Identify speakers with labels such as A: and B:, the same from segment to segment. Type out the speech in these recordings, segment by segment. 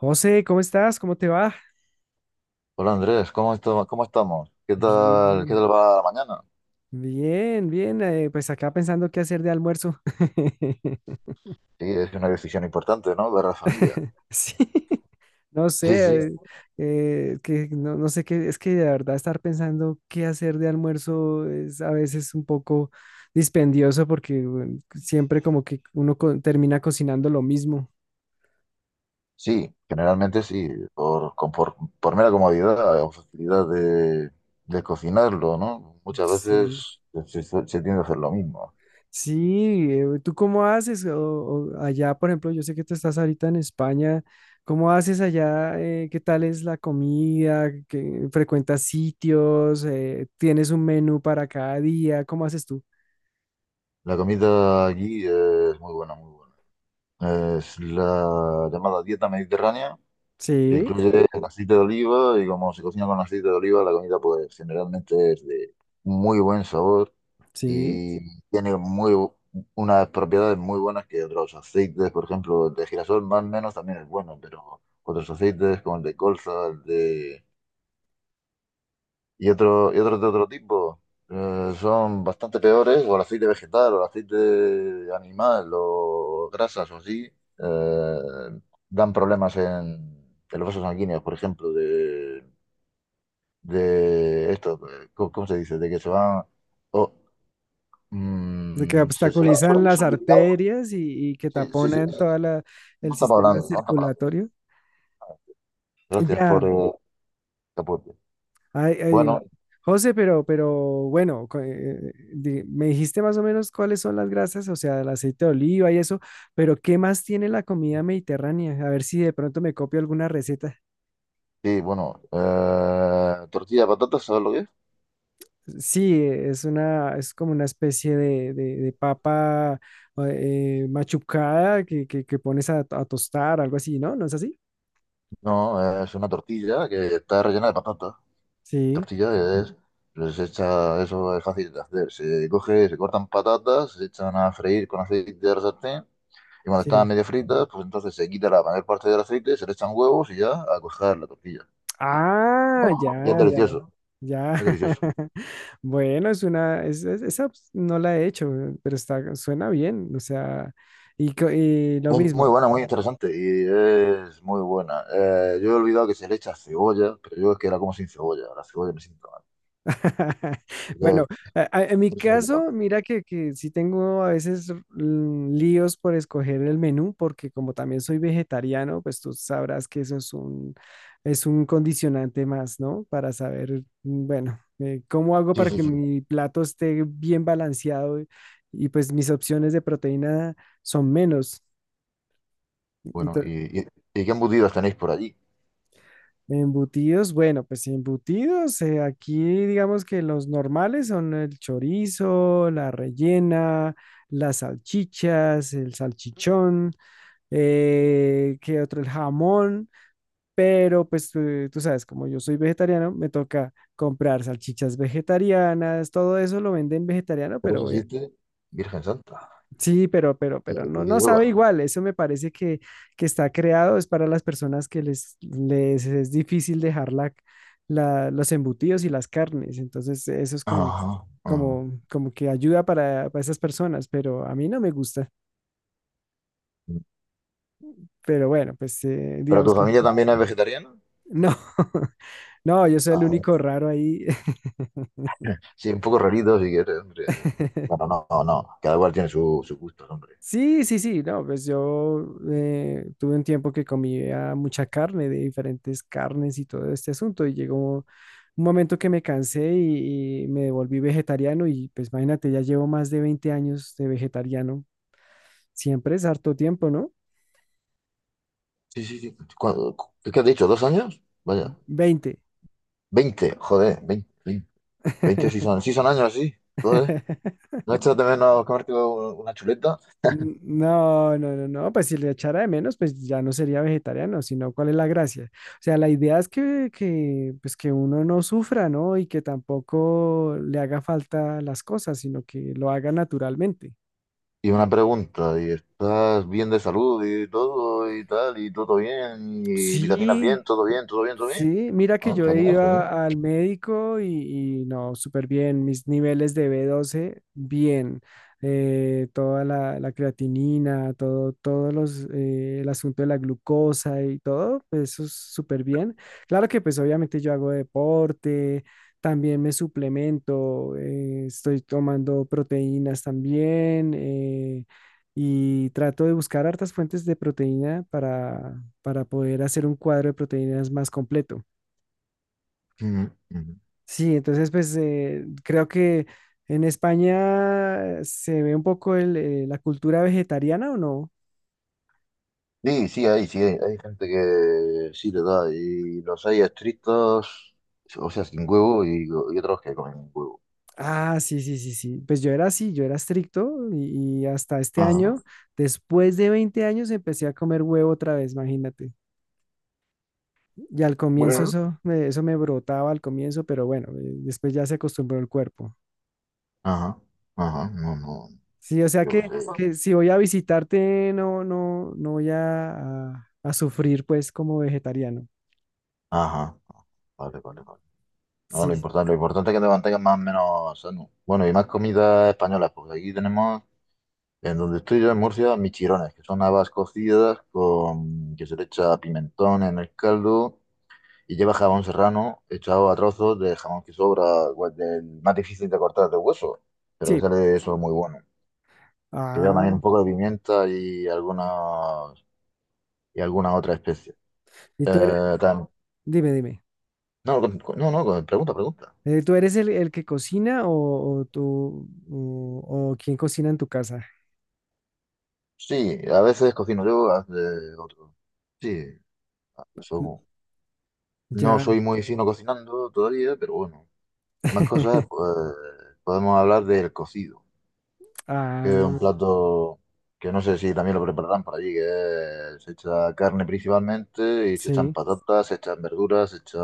A: José, ¿cómo estás? ¿Cómo te va?
B: Hola Andrés, ¿ cómo estamos? Qué
A: Bien.
B: tal va la mañana?
A: Bien, bien. Pues acá pensando qué hacer de almuerzo.
B: Sí, es una decisión importante, ¿no? Para la familia.
A: Sí, no
B: Sí, sí,
A: sé, que no, no sé qué, es que de verdad estar pensando qué hacer de almuerzo es a veces un poco dispendioso porque bueno, siempre como que uno termina cocinando lo mismo.
B: sí, generalmente sí, por mera comodidad o facilidad de cocinarlo, ¿no? Muchas
A: Sí.
B: veces se tiende a hacer lo mismo.
A: Sí, ¿tú cómo haces? O allá, por ejemplo, yo sé que tú estás ahorita en España, ¿cómo haces allá? ¿Qué tal es la comida? ¿Qué- frecuentas sitios? ¿Tienes un menú para cada día? ¿Cómo haces tú?
B: La comida allí es muy buena, muy buena. Es la llamada dieta mediterránea, que
A: Sí,
B: incluye aceite de oliva y como se cocina con aceite de oliva, la comida pues generalmente es de muy buen sabor
A: sí,
B: y tiene muy bu- unas propiedades muy buenas que otros aceites, por ejemplo, el de girasol más o menos también es bueno, pero otros aceites como el de colza, el de y otros de otro tipo. Son bastante peores, o el aceite vegetal, o el aceite animal, o grasas o así, eh, dan problemas en los vasos sanguíneos, por ejemplo, de esto, ¿cómo, cómo se dice? De que se van... o,
A: de que
B: se va
A: obstaculizan las
B: solidificando.
A: arterias y que
B: Sí, sí, sí.
A: taponan todo
B: No
A: el
B: está
A: sistema
B: hablando, no está hablando.
A: circulatorio.
B: Gracias
A: Ya.
B: por el aporte.
A: Ay, ay,
B: Bueno,
A: José, pero bueno, me dijiste más o menos cuáles son las grasas, o sea, el aceite de oliva y eso, pero ¿qué más tiene la comida mediterránea? A ver si de pronto me copio alguna receta.
B: sí, bueno. Tortilla de patatas, ¿sabes lo que es?
A: Sí, es una, es como una especie de, de papa machucada que, que pones a tostar, algo así, ¿no? ¿No es así?
B: No, es una tortilla que está rellena de patata.
A: Sí,
B: Tortilla es, pues se echa, eso es fácil de hacer. Se coge, se cortan patatas, se echan a freír con aceite de la sartén y cuando están
A: sí.
B: medio fritas, pues entonces se quita la mayor parte del aceite, se le echan huevos y ya a coger la tortilla.
A: Ah,
B: Y es
A: ya, ya.
B: delicioso,
A: Ya.
B: es delicioso.
A: Bueno, es una, es- esa pues, no la he hecho, pero está, suena bien, o sea, y lo
B: Es
A: mismo.
B: muy buena, muy interesante y es muy buena. Yo he olvidado que se le echa cebolla, pero yo es que la como sin cebolla. La cebolla me siento mal.
A: Bueno,
B: Entonces,
A: en mi
B: por eso la he quitado.
A: caso, mira que sí tengo a veces líos por escoger el menú, porque como también soy vegetariano, pues tú sabrás que es un condicionante más, ¿no? Para saber, bueno, cómo hago
B: Sí,
A: para
B: sí,
A: que
B: sí.
A: mi plato esté bien balanceado y, pues mis opciones de proteína son menos.
B: Bueno, ¿ y qué embutidos tenéis por allí?
A: Embutidos, bueno, pues sí, embutidos, aquí digamos que los normales son el chorizo, la rellena, las salchichas, el salchichón, ¿qué otro? El jamón, pero pues tú sabes, como yo soy vegetariano, me toca comprar salchichas vegetarianas, todo eso lo venden vegetariano,
B: Pero
A: pero
B: eso
A: obvia-
B: existe, Virgen Santa.
A: Sí, pero, pero, pero no,
B: Y que
A: no sabe
B: lleva.
A: igual. Eso me parece que está creado, es para las personas que les es difícil dejar la, los embutidos y las carnes. Entonces, eso es como,
B: Ajá, ajá.
A: como, como que ayuda para esas personas, pero a mí no me gusta. Pero bueno, pues
B: ¿Pero
A: digamos
B: tu
A: que
B: familia también es vegetariana?
A: no, no, yo soy el
B: Ah,
A: único raro ahí.
B: sí, un poco rarito si quieres, hombre. Bueno, no, no, no. Cada cual tiene su, su gusto, hombre.
A: Sí, sí, sí, no, pues yo tuve un tiempo que comía mucha carne, de diferentes carnes y todo este asunto, y llegó un momento que me cansé y me volví vegetariano, y pues imagínate, ya llevo más de 20 años de vegetariano, siempre es harto tiempo, ¿no?
B: Sí, sí, sí. ¿Qué, has dicho? ¿Dos años? Vaya.
A: 20.
B: Veinte, joder, veinte. Veinte sí son años, sí. Joder. ¿No echas de menos comerte una chuleta?
A: No, no, no, no, pues si le echara de menos, pues ya no sería vegetariano, sino cuál es la gracia. O sea, la idea es que, pues que uno no sufra, ¿no? Y que tampoco le haga falta las cosas, sino que lo haga naturalmente.
B: Y una pregunta, ¿y estás bien de salud y todo y tal? ¿Y todo bien? ¿Y vitaminas bien?
A: Sí,
B: ¿Todo bien? ¿Todo bien? ¿Todo bien?
A: Sí, mira que
B: Ah,
A: yo he
B: genial,
A: ido
B: genial.
A: al médico y no, súper bien. Mis niveles de B12, bien. Toda la creatinina, todo, el asunto de la glucosa y todo, pues eso es súper bien. Claro que pues obviamente yo hago deporte, también me suplemento, estoy tomando proteínas también y trato de buscar hartas fuentes de proteína para poder hacer un cuadro de proteínas más completo.
B: Ujú, ujú.
A: Sí, entonces pues creo que en España se ve un poco la cultura vegetariana o no.
B: Sí, sí, hay gente que sí le da, y los hay estrictos, o sea, sin huevo, y otros que comen huevo.
A: Ah, sí, sí, sí, sí. Pues yo era así, yo era estricto y hasta este
B: Ajá,
A: año, después de 20 años, empecé a comer huevo otra vez, imagínate. Y al comienzo
B: bueno.
A: eso me brotaba al comienzo, pero bueno, después ya se acostumbró el cuerpo.
B: Ajá, ajá, no, no,
A: Sí, o sea
B: yo qué
A: que,
B: sé.
A: que si voy a visitarte, no, no, no voy a sufrir pues como vegetariano.
B: Ajá, vale, vale, vale. No,
A: Sí,
B: lo importante es que te mantengas más o menos sano. Bueno, y más comidas españolas, porque aquí tenemos, en donde estoy yo en Murcia, michirones, que son habas cocidas con, que se le echa pimentón en el caldo. Y lleva jamón serrano echado a trozos de jamón que sobra, pues, del más difícil de cortar de hueso, pero que
A: sí.
B: sale eso muy bueno. Que lleva
A: Ah,
B: también un poco de pimienta y alguna otra especie.
A: y tú eres,
B: Eh, tam-
A: dime, dime.
B: no, pregunta, pregunta.
A: ¿Tú eres el que cocina o tú o quién cocina en tu casa?
B: Sí, a veces cocino yo, a veces otro. Sí, so- no
A: Ya.
B: soy muy fino cocinando todavía, pero bueno, más cosas, pues podemos hablar del cocido. Que es un
A: Ah,
B: plato que no sé si también lo prepararán por allí, que se echa carne principalmente y se echan
A: sí.
B: patatas, se echan verduras, se echa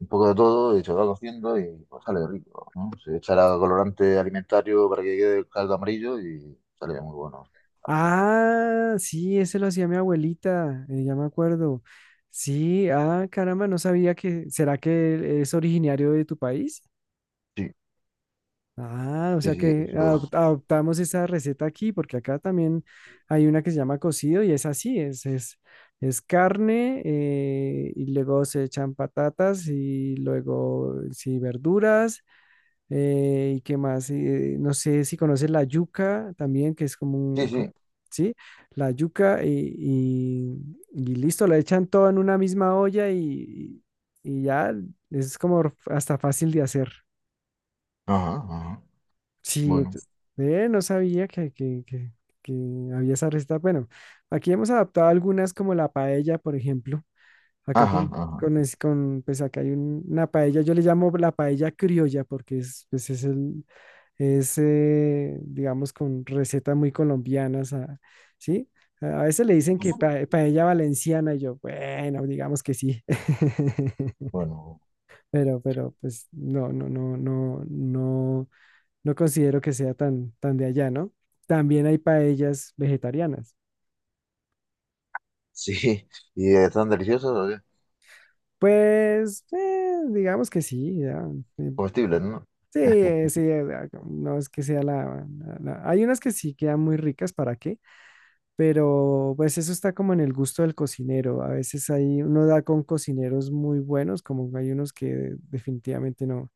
B: un poco de todo y se va cociendo y pues, sale rico, ¿no? Se echará colorante alimentario para que quede el caldo amarillo y sale muy bueno también.
A: Ah, sí, ese lo hacía mi abuelita, ya me acuerdo. Sí, ah, caramba, no sabía que, ¿será que es originario de tu país?
B: Sí,
A: Ah, o
B: sí,
A: sea
B: sí,
A: que
B: eso.
A: adoptamos esa receta aquí, porque acá también hay una que se llama cocido y es así, es carne y luego se echan patatas y luego sí verduras y qué más, no sé si conoces la yuca también, que es como
B: Sí, sí.
A: sí, la yuca y listo, la echan todo en una misma olla y ya es como hasta fácil de hacer.
B: Ajá, ajá.
A: Sí,
B: Bueno.
A: no sabía que había esa receta. Bueno, aquí hemos adaptado algunas como la paella, por ejemplo. Acá
B: Ajá,
A: con,
B: ajá.
A: con, es- con pues acá hay una paella, yo le llamo la paella criolla porque pues digamos, con recetas muy colombianas, ah, ¿sí? A veces le dicen que paella valenciana y yo, bueno, digamos que sí.
B: Bueno.
A: Pues no, no, no, no, no no considero que sea tan, tan de allá, ¿no? También hay paellas vegetarianas.
B: Sí. ¿Y están deliciosos o qué?
A: Pues, digamos que sí, ya, eh,
B: Comestibles, ¿no?
A: sí, sí, ah, no es que sea la, hay unas que sí quedan muy ricas, ¿para qué? Pero pues eso está como en el gusto del cocinero. A veces hay, uno da con cocineros muy buenos, como hay unos que definitivamente no,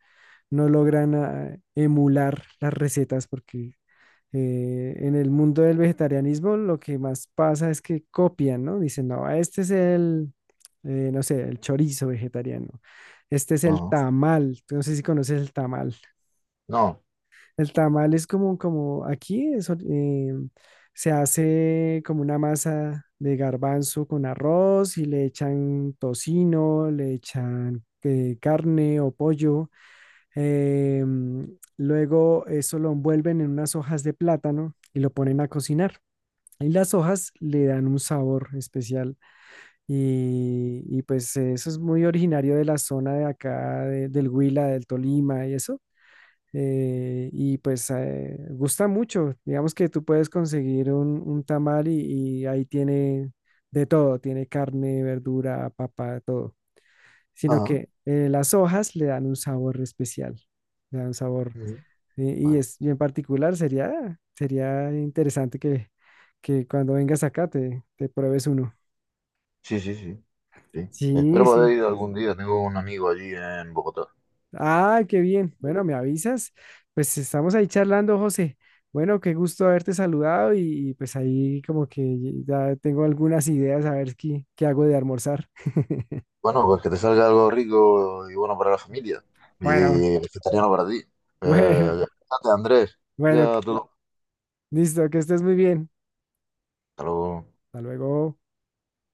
A: no logran emular las recetas porque en el mundo del vegetarianismo lo que más pasa es que copian, ¿no? Dicen, no, este es no sé, el chorizo vegetariano, este es el
B: Ajá.
A: tamal, no sé si conoces el tamal.
B: No.
A: El tamal es como aquí es, se hace como una masa de garbanzo con arroz y le echan tocino, le echan carne o pollo. Luego eso lo envuelven en unas hojas de plátano y lo ponen a cocinar. Y las hojas le dan un sabor especial. Y pues eso es muy originario de la zona de acá, del Huila, del Tolima y eso. Y pues gusta mucho. Digamos que tú puedes conseguir un tamal y ahí tiene de todo. Tiene carne, verdura, papa, todo. Sino
B: Ajá.
A: que las hojas le dan un sabor especial. Le dan un sabor
B: Ujú.
A: y,
B: Vale.
A: y en particular sería interesante que cuando vengas acá te pruebes uno.
B: Sí, sí, sí. Sí. Espero
A: Sí, sí.
B: poder ir algún día. Tengo un amigo allí en Bogotá.
A: Ah, qué bien. Bueno, me avisas. Pues estamos ahí charlando, José. Bueno, qué gusto haberte saludado y pues ahí como que ya tengo algunas ideas a ver qué hago de almorzar.
B: Bueno, pues que te salga algo rico y bueno para la familia.
A: Bueno,
B: Y vegetariano para ti.
A: bueno,
B: Gracias, Andrés.
A: bueno.
B: Ya, tú. Hasta
A: Listo, que estés muy bien.
B: luego.
A: Hasta luego.